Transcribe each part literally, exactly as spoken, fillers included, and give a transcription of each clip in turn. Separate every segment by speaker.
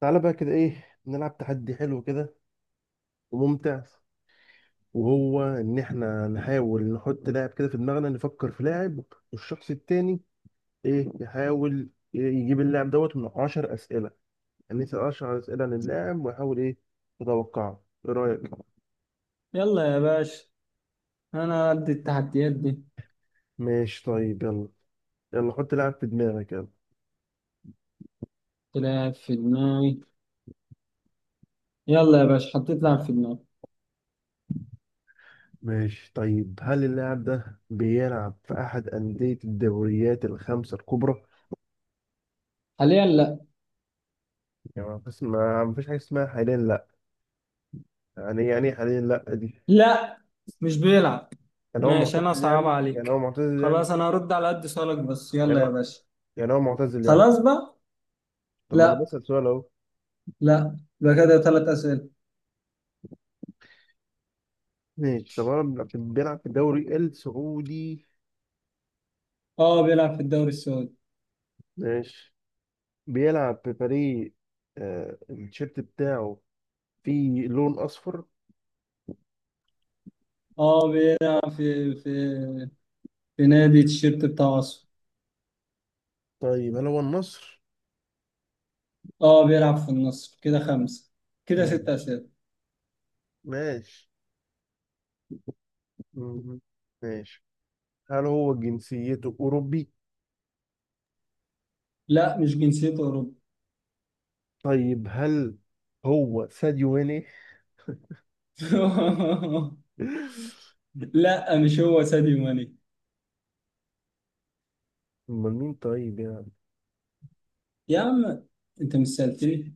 Speaker 1: تعالى بقى كده، ايه، نلعب تحدي حلو كده وممتع. وهو ان احنا نحاول نحط لاعب كده في دماغنا، نفكر في لاعب، والشخص التاني ايه يحاول إيه، يجيب اللاعب دوت من 10 اسئله. يعني يسال 10 اسئله عن اللاعب ويحاول ايه يتوقعه. ايه رايك؟
Speaker 2: يلا يا باشا. انا قد التحديات دي.
Speaker 1: ماشي طيب يلا. يلا حط لاعب في دماغك، يلا.
Speaker 2: تلعب في دماغي. يلا يا باشا، حطيت لعب في دماغي.
Speaker 1: ماشي طيب. هل اللاعب ده بيلعب في احد انديه الدوريات الخمسه الكبرى؟
Speaker 2: حاليا لا.
Speaker 1: يعني بس ما ما فيش حاجه اسمها حاليا لا. يعني يعني إيه حاليا لا دي؟
Speaker 2: لا، مش بيلعب.
Speaker 1: يعني هو
Speaker 2: ماشي، انا
Speaker 1: معتزل
Speaker 2: صعب
Speaker 1: يعني، يعني
Speaker 2: عليك.
Speaker 1: هو معتزل يعني،
Speaker 2: خلاص، انا هرد على قد سؤالك بس. يلا
Speaker 1: يعني
Speaker 2: يا
Speaker 1: هو،
Speaker 2: باشا.
Speaker 1: يعني هو معتزل يعني.
Speaker 2: خلاص بقى.
Speaker 1: طب ما انا
Speaker 2: لا،
Speaker 1: بسأل سؤال اهو.
Speaker 2: لا، يبقى كده ثلاث اسئله.
Speaker 1: ماشي. طب هو بيلعب بيلعب في الدوري السعودي؟
Speaker 2: اه، بيلعب في الدوري السعودي.
Speaker 1: ماشي. بيلعب في فريق، آه، التيشيرت بتاعه فيه لون اصفر.
Speaker 2: اه، بيلعب في في في نادي التيشيرت بتاع اصفر.
Speaker 1: طيب هل هو النصر؟
Speaker 2: اه، بيلعب في النصر. كده خمسه. كده ست
Speaker 1: ماشي.
Speaker 2: اسئله
Speaker 1: ماشي. مم. ماشي. هل هو جنسيته اوروبي؟
Speaker 2: لا، مش جنسيته اوروبي.
Speaker 1: طيب هل هو ساديو ماني؟
Speaker 2: لا، مش هو ساديو ماني.
Speaker 1: امال مين طيب يعني؟
Speaker 2: يا عم، انت مش سألتني.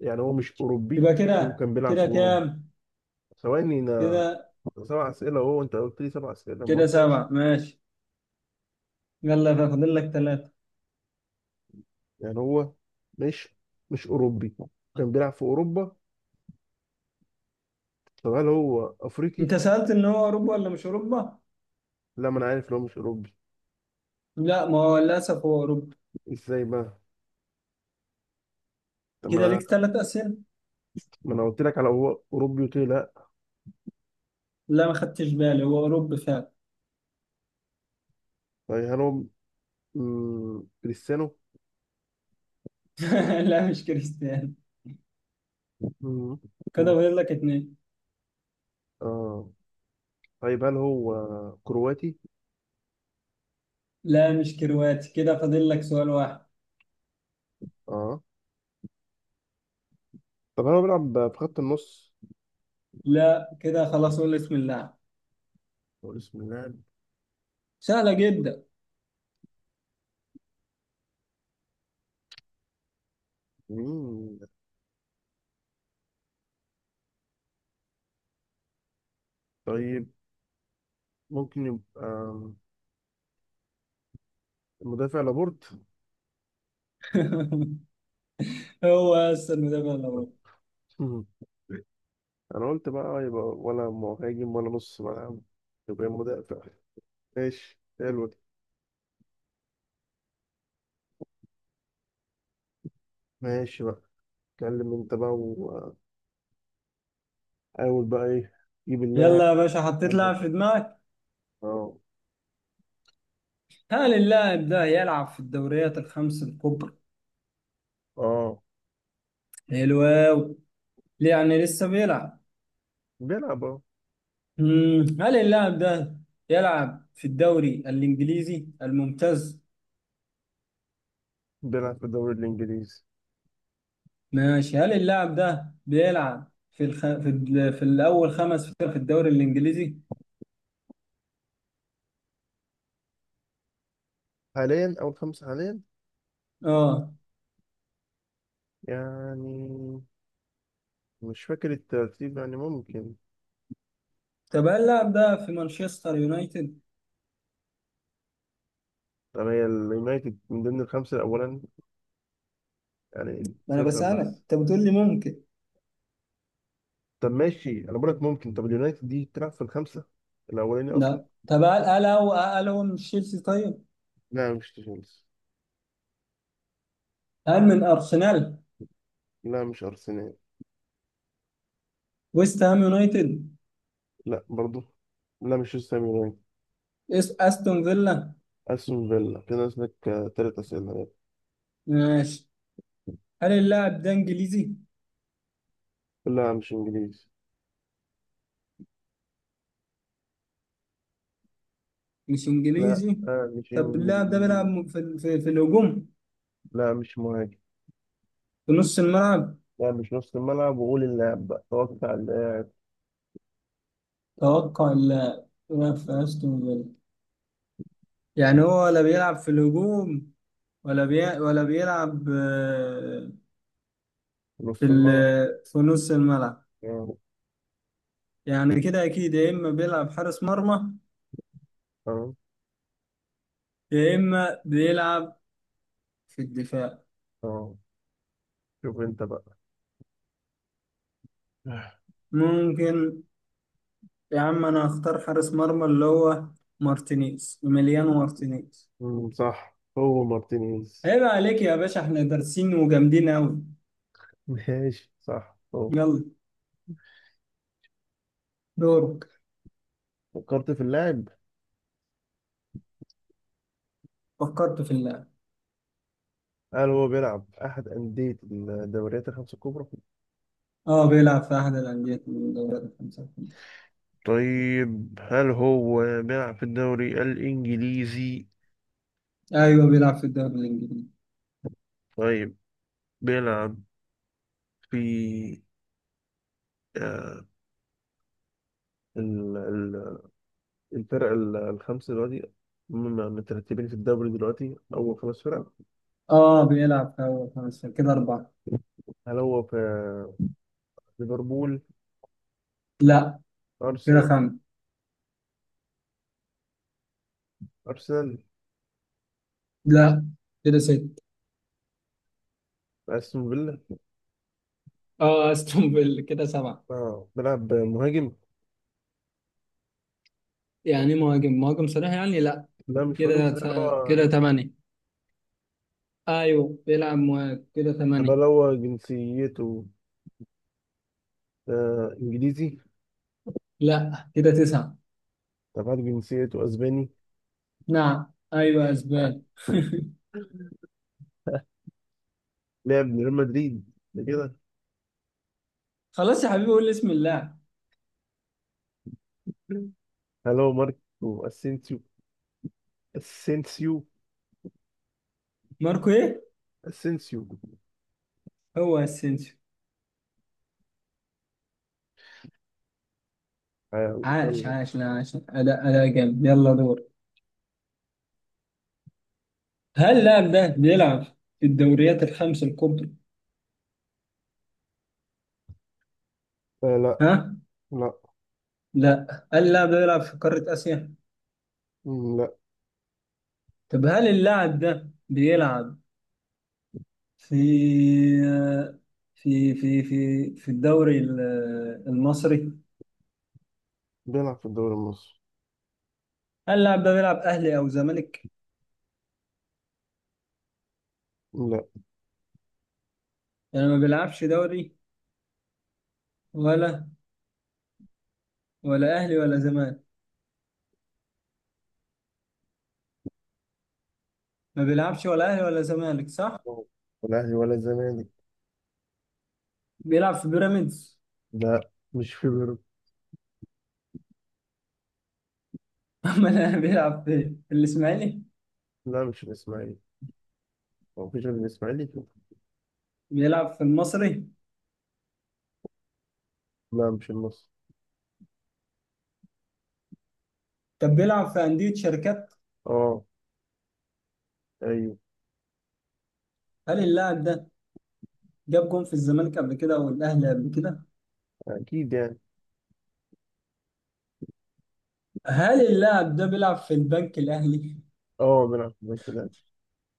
Speaker 1: يعني هو مش اوروبي
Speaker 2: يبقى كده
Speaker 1: وكان بيلعب في
Speaker 2: كده
Speaker 1: اوروبا.
Speaker 2: كام؟
Speaker 1: ثواني انا،
Speaker 2: كده
Speaker 1: سبع اسئله اهو، انت قلت لي سبع اسئله ما
Speaker 2: كده
Speaker 1: قلتلكش.
Speaker 2: سبعة. ماشي. يلا، فاضل لك ثلاثة.
Speaker 1: يعني هو مش مش اوروبي كان بيلعب في اوروبا. طب هل هو افريقي؟
Speaker 2: انت سألت ان هو اوروبا ولا مش اوروبا؟
Speaker 1: لا، ما انا عارف ان هو مش اوروبي.
Speaker 2: لا، ما هو للاسف هو اوروبا.
Speaker 1: ازاي بقى؟ طب ما
Speaker 2: كده ليك
Speaker 1: انا
Speaker 2: ثلاث اسئلة.
Speaker 1: ما انا قلت لك على هو اوروبي قلت لي لا.
Speaker 2: لا، ما خدتش بالي هو اوروبا فعلا.
Speaker 1: طيب هل هو، مم، كريستيانو.
Speaker 2: لا، مش كريستيانو.
Speaker 1: مم،
Speaker 2: كده
Speaker 1: مم،
Speaker 2: فاضل لك اتنين.
Speaker 1: اه. طيب هل هو كرواتي؟
Speaker 2: لا، مش كرواتي. كده فاضل لك سؤال واحد.
Speaker 1: اه. طب هل هو بيلعب في خط النص؟
Speaker 2: لا، كده خلاص. قول اسم اللاعب.
Speaker 1: هو اسم اللاعب
Speaker 2: سهلة جدا.
Speaker 1: مين؟ طيب، ممكن يبقى مدافع لابورت؟
Speaker 2: هو اصلا المدافع الاول.
Speaker 1: انا قلت بقى يبقى ولا مهاجم ولا نص ملعب، يبقى مدافع. ماشي حلو ده. ماشي بقى. اتكلم انت بقى وحاول بقى، ايه، جيب اللاعب.
Speaker 2: يلا يا باشا، حطيت لاعب في دماغك.
Speaker 1: اه.
Speaker 2: هل اللاعب ده يلعب في الدوريات الخمس الكبرى؟
Speaker 1: اه
Speaker 2: حلو أوي. يعني لسه بيلعب؟
Speaker 1: بيلعب. اه
Speaker 2: مم. هل اللاعب ده يلعب في الدوري الإنجليزي الممتاز؟
Speaker 1: بيلعب في الدوري الانجليزي.
Speaker 2: ماشي، هل اللاعب ده بيلعب في الخ... في, ال... في الأول خمس فرق في الدوري الإنجليزي؟
Speaker 1: حاليا اول خمسة، حاليا
Speaker 2: اه.
Speaker 1: يعني. مش فاكر الترتيب يعني، ممكن.
Speaker 2: طب هل اللاعب ده في مانشستر يونايتد؟
Speaker 1: طب هي اليونايتد من ضمن الخمسة الأولا؟ يعني
Speaker 2: ما انا
Speaker 1: نفهم
Speaker 2: بسألك،
Speaker 1: بس.
Speaker 2: انت بتقول لي ممكن.
Speaker 1: طب ماشي، أنا بقولك ممكن. طب اليونايتد دي تلعب في الخمسة الأولاني أصلا؟
Speaker 2: لا، طب هل هل هو هل هو من تشيلسي طيب؟
Speaker 1: لا مش تشيلسي.
Speaker 2: هل من أرسنال؟
Speaker 1: لا مش أرسنال.
Speaker 2: ويست هام يونايتد؟
Speaker 1: لا برضو. لا مش وست هام يونايتد.
Speaker 2: اس استون فيلا؟
Speaker 1: أستون فيلا كده نازلك تلات أسئلة.
Speaker 2: ماشي. هل اللاعب ده انجليزي؟
Speaker 1: لا مش إنجليزي.
Speaker 2: مش
Speaker 1: لا،
Speaker 2: انجليزي.
Speaker 1: آه، مش
Speaker 2: طب اللاعب ده
Speaker 1: إنجليزي.
Speaker 2: بيلعب م- في ال- في, في الهجوم؟
Speaker 1: لا مش مهاجم.
Speaker 2: في نص الملعب؟
Speaker 1: لا مش نص الملعب. وقول اللاعب بقى، هو بتاع اللاعب.
Speaker 2: توقع اللاعب. بيلعب في استون فيلا. يعني هو ولا بيلعب في الهجوم، ولا بي... ولا بيلعب آه، في
Speaker 1: نص
Speaker 2: ال...
Speaker 1: الملعب.
Speaker 2: في نص الملعب؟
Speaker 1: اه.
Speaker 2: يعني كده اكيد، يا اما بيلعب حارس مرمى،
Speaker 1: اه.
Speaker 2: يا اما بيلعب في الدفاع.
Speaker 1: آه. شوف أنت بقى.
Speaker 2: ممكن. يا عم انا هختار حارس مرمى اللي هو مارتينيز مليانو مارتينيز.
Speaker 1: مم، صح هو مارتينيز.
Speaker 2: عيب عليك يا باشا، احنا دارسين وجامدين قوي.
Speaker 1: ماشي، صح هو.
Speaker 2: يلا، دورك.
Speaker 1: فكرت في اللاعب.
Speaker 2: فكرت في اللاعب.
Speaker 1: هل هو بيلعب أحد أندية الدوريات الخمسة الكبرى؟
Speaker 2: اه، بيلعب في احد الانديه من الدوريات الخمسه.
Speaker 1: طيب هل هو بيلعب في الدوري الإنجليزي؟
Speaker 2: ايوه، بيلعب في الدوري الانجليزي.
Speaker 1: طيب بيلعب في، آه، ال- ال- الفرق ال- الخمسة دلوقتي، هم مترتبين في الدوري دلوقتي أول خمس فرق؟
Speaker 2: اه، بيلعب في اول خمس فرق. كده اربعه.
Speaker 1: هل هو في ليفربول؟
Speaker 2: لا، كده
Speaker 1: أرسنال؟
Speaker 2: خمسه.
Speaker 1: أرسنال؟
Speaker 2: لا، كده ست.
Speaker 1: أستون فيلا؟
Speaker 2: اه، استون فيلا. كده سبعه.
Speaker 1: آه بيلعب مهاجم؟
Speaker 2: يعني مهاجم مهاجم صريح يعني، لا.
Speaker 1: لا مش مهاجم
Speaker 2: كده
Speaker 1: بس، لا
Speaker 2: ت-
Speaker 1: هو.
Speaker 2: كده ثمانيه. ايوه، بيلعب مهاجم. كده
Speaker 1: طب هل
Speaker 2: ثمانيه.
Speaker 1: هو جنسيته، آه، إنجليزي؟
Speaker 2: لا، كده تسعه.
Speaker 1: طب هل جنسيته أسباني؟
Speaker 2: نعم، ايوه اسبان.
Speaker 1: لعب لريال مدريد ده كده.
Speaker 2: خلاص يا حبيبي، قول لي اسم اللاعب.
Speaker 1: هلو، ماركو اسينسيو. اسينسيو.
Speaker 2: ماركو ايه؟
Speaker 1: اسينسيو.
Speaker 2: هو اسينسيو.
Speaker 1: آه،
Speaker 2: عاش
Speaker 1: يلا.
Speaker 2: عاش، لا عاش. اداء اداء جامد. يلا دور. هل اللاعب ده بيلعب في الدوريات الخمس الكبرى؟
Speaker 1: آه. لا.
Speaker 2: ها؟
Speaker 1: لا.
Speaker 2: لا. هل اللاعب ده بيلعب في قارة اسيا؟
Speaker 1: مم، لا.
Speaker 2: طب هل اللاعب ده بيلعب في في في في في الدوري ال- المصري؟
Speaker 1: بيلعب في الدوري المصري.
Speaker 2: هل اللاعب ده بيلعب اهلي او زمالك؟
Speaker 1: لا
Speaker 2: يعني ما بيلعبش دوري، ولا ولا اهلي ولا زمالك. ما بيلعبش ولا اهلي ولا زمالك، صح؟
Speaker 1: ولا اهلي ولا زمالك.
Speaker 2: بيلعب في بيراميدز؟
Speaker 1: لا مش في بيراميدز.
Speaker 2: امال أنا، بيلعب في في الاسماعيلي؟
Speaker 1: لا مش الاسماعيلي. هو مفيش غير الاسماعيلي فيه.
Speaker 2: بيلعب في المصري؟
Speaker 1: لا مش النصر.
Speaker 2: طب بيلعب في انديه شركات؟
Speaker 1: اه. ايوه.
Speaker 2: هل اللاعب ده جاب جون في الزمالك قبل كده او الاهلي قبل كده؟
Speaker 1: اكيد يعني.
Speaker 2: هل اللاعب ده بيلعب في البنك الاهلي؟
Speaker 1: اه بيلعب في كده.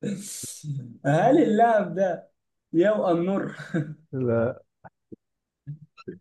Speaker 2: هل اللاعب ده يبقى النور؟
Speaker 1: لا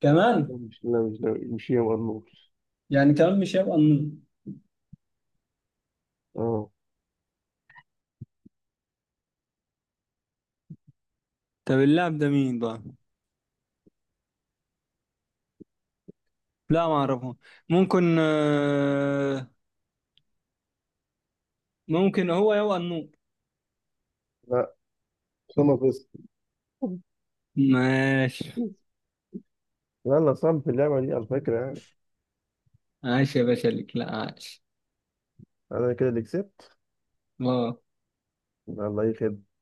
Speaker 2: كمان؟
Speaker 1: مش لا مش دوري مش يا مرموش.
Speaker 2: يعني كمان مش يبقى النور.
Speaker 1: اه.
Speaker 2: طب اللاعب ده مين بقى؟ لا، ما اعرفه. ممكن، آه، ممكن هو يبقى النور.
Speaker 1: لا. أسامة فيصل.
Speaker 2: ماشي.
Speaker 1: لا، لا، صعب في اللعبة دي على فكرة يعني.
Speaker 2: عاش يا باشا، ليك لا عاش.
Speaker 1: أنا كده اللي كسبت.
Speaker 2: ما
Speaker 1: يلا أي خدمة.